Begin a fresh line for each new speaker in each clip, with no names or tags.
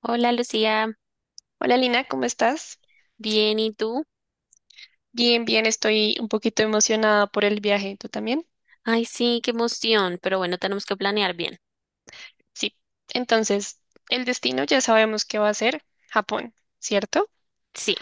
Hola Lucía,
Hola Lina, ¿cómo estás?
bien, ¿y tú?
Bien, bien, estoy un poquito emocionada por el viaje. ¿Tú también?
Ay, sí, qué emoción, pero bueno, tenemos que planear bien.
Sí. Entonces, el destino ya sabemos que va a ser Japón, ¿cierto?
Sí,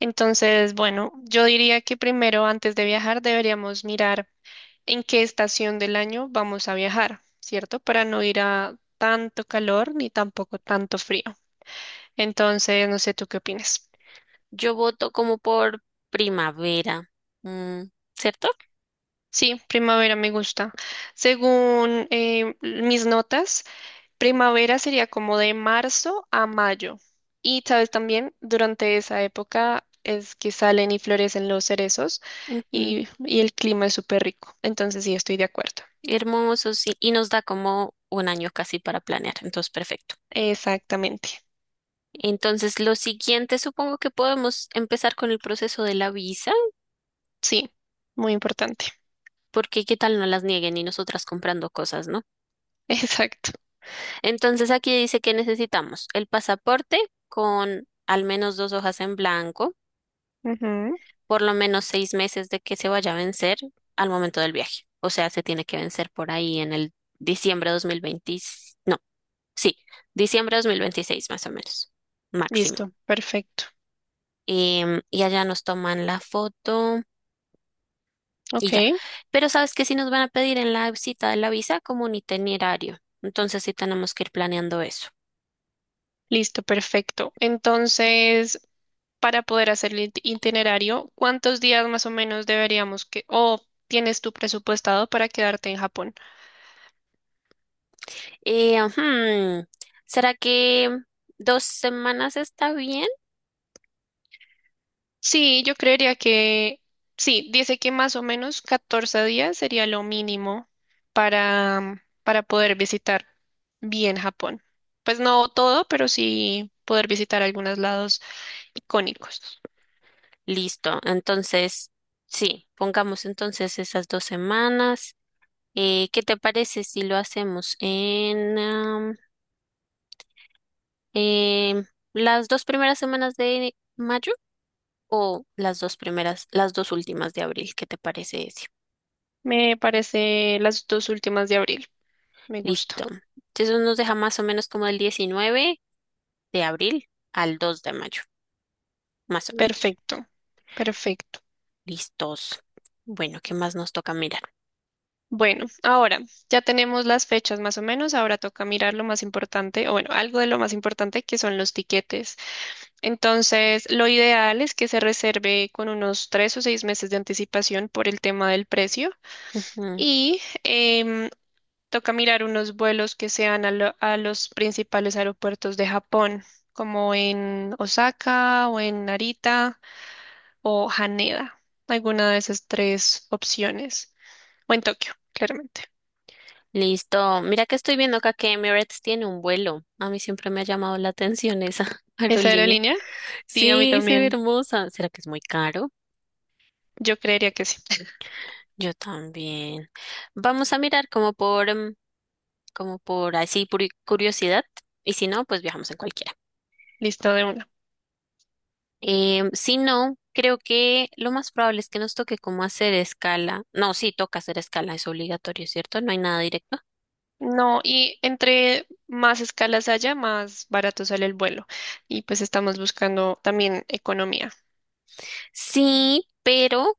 Entonces, bueno, yo diría que primero, antes de viajar, deberíamos mirar en qué estación del año vamos a viajar, ¿cierto? Para no ir a tanto calor ni tampoco tanto frío. Entonces, no sé, ¿tú qué opinas?
yo voto como por primavera, mm, ¿cierto?
Sí, primavera me gusta. Según mis notas, primavera sería como de marzo a mayo. Y sabes también, durante esa época es que salen y florecen los cerezos
Ujú.
y el clima es súper rico. Entonces sí, estoy de acuerdo.
Hermoso, sí, y nos da como un año casi para planear, entonces perfecto.
Exactamente.
Entonces, lo siguiente, supongo que podemos empezar con el proceso de la visa,
Sí, muy importante.
porque qué tal no las nieguen y nosotras comprando cosas, ¿no?
Exacto.
Entonces, aquí dice que necesitamos el pasaporte con al menos 2 hojas en blanco,
Ujú.
por lo menos 6 meses de que se vaya a vencer al momento del viaje. O sea, se tiene que vencer por ahí en el diciembre 2020, no, sí, diciembre 2026 más o menos, máximo.
Listo, perfecto.
Y allá nos toman la foto. Y
Ok,
ya. Pero sabes que si nos van a pedir en la cita de la visa como un itinerario, entonces sí tenemos que ir planeando eso.
listo, perfecto. Entonces, para poder hacer el itinerario, ¿cuántos días más o menos deberíamos que, o tienes tu presupuestado para quedarte en Japón?
Ujú, ¿será que 2 semanas está bien?
Sí, yo creería que sí, dice que más o menos 14 días sería lo mínimo para poder visitar bien Japón. Pues no todo, pero sí poder visitar algunos lados icónicos.
Listo, entonces sí, pongamos entonces esas 2 semanas. ¿Qué te parece si lo hacemos en em, las dos primeras semanas de mayo o las dos primeras, las dos últimas de abril? ¿Qué te parece, ese?
Me parece las dos últimas de abril. Me gusta.
Listo. Entonces nos deja más o menos como el 19 de abril al 2 de mayo, más o menos.
Perfecto, perfecto.
Listos. Bueno, ¿qué más nos toca mirar?
Bueno, ahora ya tenemos las fechas más o menos. Ahora toca mirar lo más importante, o bueno, algo de lo más importante que son los tiquetes. Entonces, lo ideal es que se reserve con unos 3 o 6 meses de anticipación por el tema del precio
Ujú.
y toca mirar unos vuelos que sean a los principales aeropuertos de Japón, como en Osaka o en Narita o Haneda, alguna de esas tres opciones, o en Tokio, claramente.
Listo. Mira que estoy viendo acá que Emirates tiene un vuelo. A mí siempre me ha llamado la atención esa
¿Esa
aerolínea.
aerolínea? Sí, a mí
Sí, se ve
también.
hermosa. ¿Será que es muy caro?
Yo creería que sí.
Yo también. Vamos a mirar como por, como por así, por curiosidad. Y si no, pues viajamos en cualquiera.
Listo de una.
Si no, creo que lo más probable es que nos toque como hacer escala. No, sí, toca hacer escala, es obligatorio, ¿cierto? No hay nada directo.
No, y entre más escalas haya, más barato sale el vuelo. Y pues estamos buscando también economía.
Sí, pero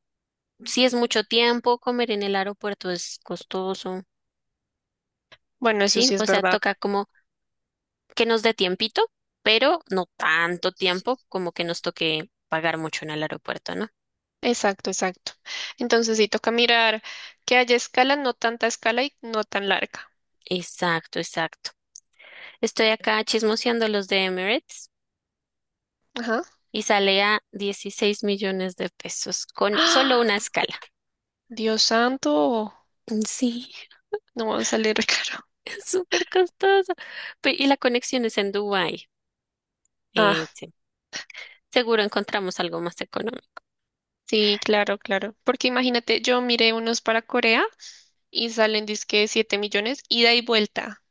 si es mucho tiempo, comer en el aeropuerto es costoso,
Bueno, eso
¿sí?
sí
O
es
sea,
verdad.
toca como que nos dé tiempito, pero no tanto tiempo como que nos toque pagar mucho en el aeropuerto, ¿no?
Exacto, exacto. Entonces sí toca mirar que haya escala, no tanta escala y no tan larga.
Exacto, exacto. Estoy acá chismoseando los de Emirates
Ajá.
y sale a 16 millones de pesos con solo una
¡Ah!
escala.
Dios santo,
Mm, sí,
no va a salir caro.
es súper costoso. Y la conexión es en Dubái.
Ah,
Sí. Seguro encontramos algo más económico.
sí, claro, claro. Porque imagínate, yo miré unos para Corea y salen disque 7 millones ida y vuelta.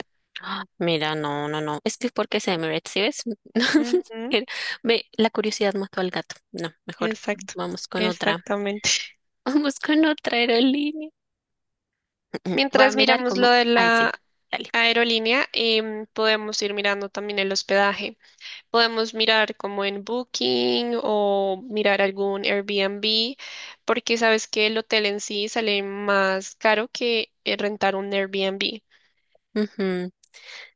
Ah, mira, no, no, no. Es que porque es Emirates, ¿sí ves?
Ujú,
Era- Ve, la curiosidad mató al gato. No, mejor
exacto,
vamos con otra.
exactamente.
Vamos con otra aerolínea. Mm. Voy a
Mientras
mirar
miramos
cómo.
lo de
Ay, sí.
la
Dale.
aerolínea, podemos ir mirando también el hospedaje. Podemos mirar como en Booking o mirar algún Airbnb, porque sabes que el hotel en sí sale más caro que rentar un Airbnb.
Ujú.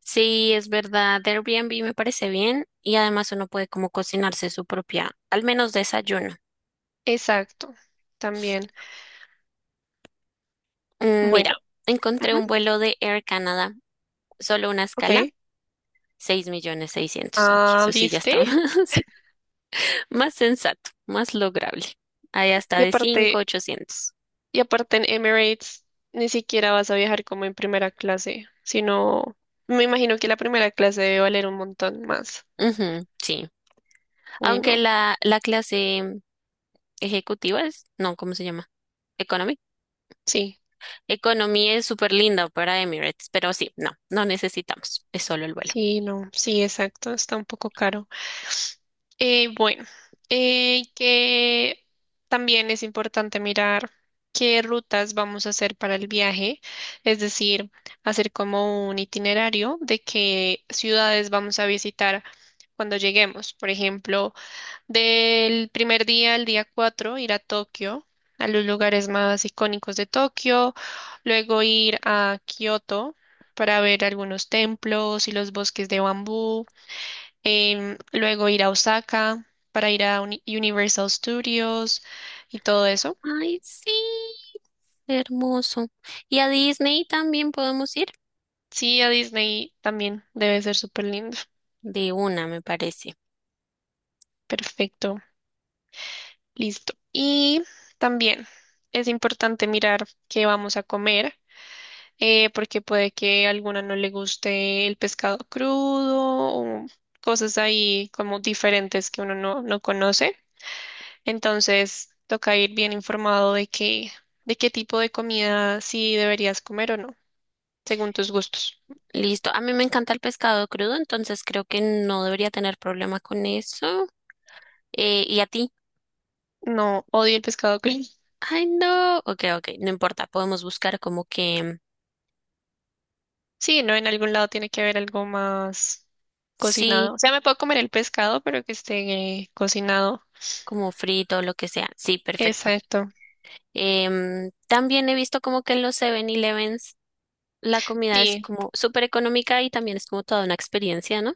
Sí, es verdad. Airbnb me parece bien y además uno puede como cocinarse su propia, al menos desayuno.
Exacto, también.
Mira,
Bueno,
encontré un
ujú,
vuelo de Air Canada, solo una escala,
ok.
6 millones 600. Ok,
Ah,
eso sí ya
¿viste?
está más, más sensato, más lograble. Ahí hasta
Y
de
aparte,
5 800.
y aparte en Emirates ni siquiera vas a viajar como en primera clase, sino me imagino que la primera clase debe valer un montón más.
Ujú, sí.
Uy,
Aunque
no.
la clase ejecutiva es, no, ¿cómo se llama? Economy.
Sí,
Economy es súper linda para Emirates, pero sí, no, no necesitamos, es solo el vuelo.
sí, no, sí, exacto, está un poco caro. Bueno, que también es importante mirar qué rutas vamos a hacer para el viaje, es decir, hacer como un itinerario de qué ciudades vamos a visitar cuando lleguemos. Por ejemplo, del primer día al día 4 ir a Tokio, a los lugares más icónicos de Tokio, luego ir a Kioto para ver algunos templos y los bosques de bambú, luego ir a Osaka para ir a Universal Studios y todo eso.
Ay, sí, hermoso. Y a Disney también podemos ir
Sí, a Disney también debe ser súper lindo.
de una, me parece.
Perfecto, listo. Y también es importante mirar qué vamos a comer porque puede que a alguna no le guste el pescado crudo o cosas ahí como diferentes que uno no conoce. Entonces, toca ir bien informado de qué tipo de comida sí deberías comer o no, según tus gustos.
Listo. A mí me encanta el pescado crudo, entonces creo que no debería tener problema con eso. ¿Y a ti?
No, odio el pescado crudo.
Ay, no. Ok, ok, no importa. Podemos buscar como que.
Sí, no, en algún lado tiene que haber algo más
Sí,
cocinado. O sea, me puedo comer el pescado, pero que esté cocinado.
como frito, o lo que sea. Sí, perfecto.
Exacto.
También he visto como que en los Seven elevens la comida es
Sí,
como súper económica y también es como toda una experiencia, ¿no?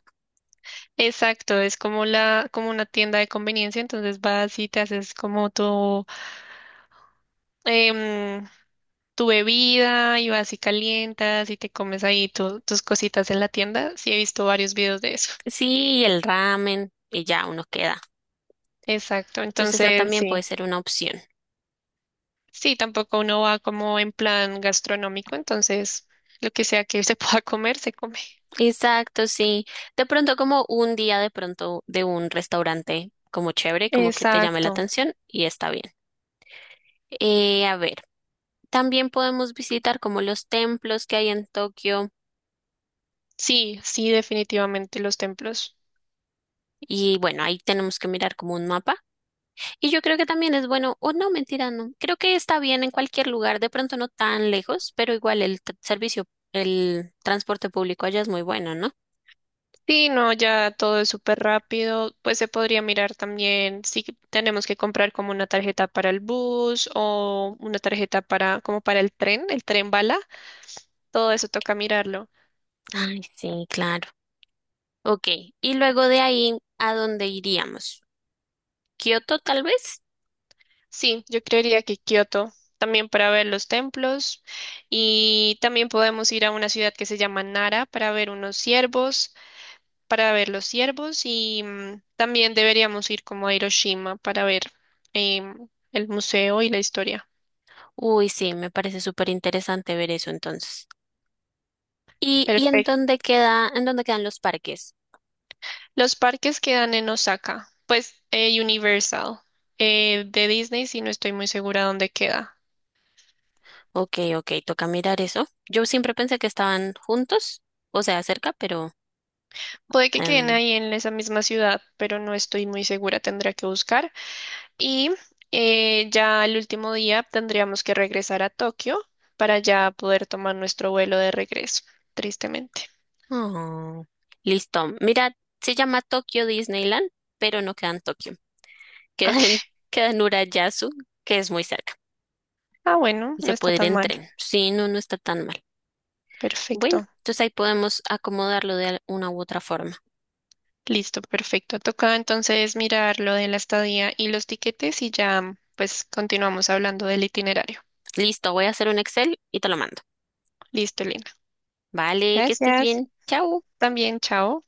exacto, es como la, como una tienda de conveniencia, entonces vas y te haces como em, tu bebida y vas y calientas y te comes ahí tus cositas en la tienda. Sí, he visto varios videos de eso.
Sí, y el ramen y ya uno queda.
Exacto,
Entonces esa
entonces
también puede
sí,
ser una opción.
sí, tampoco uno va como en plan gastronómico, entonces lo que sea que se pueda comer, se come.
Exacto, sí. De pronto como un día de pronto de un restaurante como chévere, como que te llame la
Exacto,
atención y está bien. A ver, también podemos visitar como los templos que hay en Tokio
sí, sí, definitivamente los templos.
y bueno, ahí tenemos que mirar como un mapa. Y yo creo que también es bueno, o no, mentira, no. Creo que está bien en cualquier lugar, de pronto no tan lejos, pero igual el servicio, el transporte público allá es muy bueno, ¿no?
Sí, no, ya todo es súper rápido. Pues se podría mirar también si tenemos que comprar como una tarjeta para el bus o una tarjeta para como para el tren bala. Todo eso toca mirarlo.
Ay, sí, claro. Ok, y luego de ahí, ¿a dónde iríamos? ¿Kioto tal vez?
Sí, yo creería que Kioto también para ver los templos y también podemos ir a una ciudad que se llama Nara para ver unos ciervos, para ver los ciervos y también deberíamos ir como a Hiroshima para ver el museo y la historia.
Uy, sí, me parece súper interesante ver eso entonces. ¿Y en
Perfecto.
dónde queda, en dónde quedan los parques?
Los parques quedan en Osaka, pues Universal, de Disney, si no estoy muy segura dónde queda.
Ok, ok, toca mirar eso. Yo siempre pensé que estaban juntos, o sea, cerca, pero.
Puede que queden
em,
ahí en esa misma ciudad, pero no estoy muy segura, tendré que buscar. Y ya el último día tendríamos que regresar a Tokio para ya poder tomar nuestro vuelo de regreso, tristemente.
Oh, listo. Mira, se llama Tokyo Disneyland, pero no queda en Tokio. Queda en,
Ok.
queda en Urayasu, que es muy cerca.
Ah, bueno,
Y
no
se
está
puede ir
tan
en
mal.
tren. Sí, no, no está tan mal. Bueno,
Perfecto.
entonces ahí podemos acomodarlo de una u otra forma.
Listo, perfecto. Toca entonces mirar lo de la estadía y los tiquetes y ya pues continuamos hablando del itinerario.
Listo, voy a hacer un Excel y te lo mando.
Listo, Elena.
Vale, que estés
Gracias.
bien. Chao.
También, chao.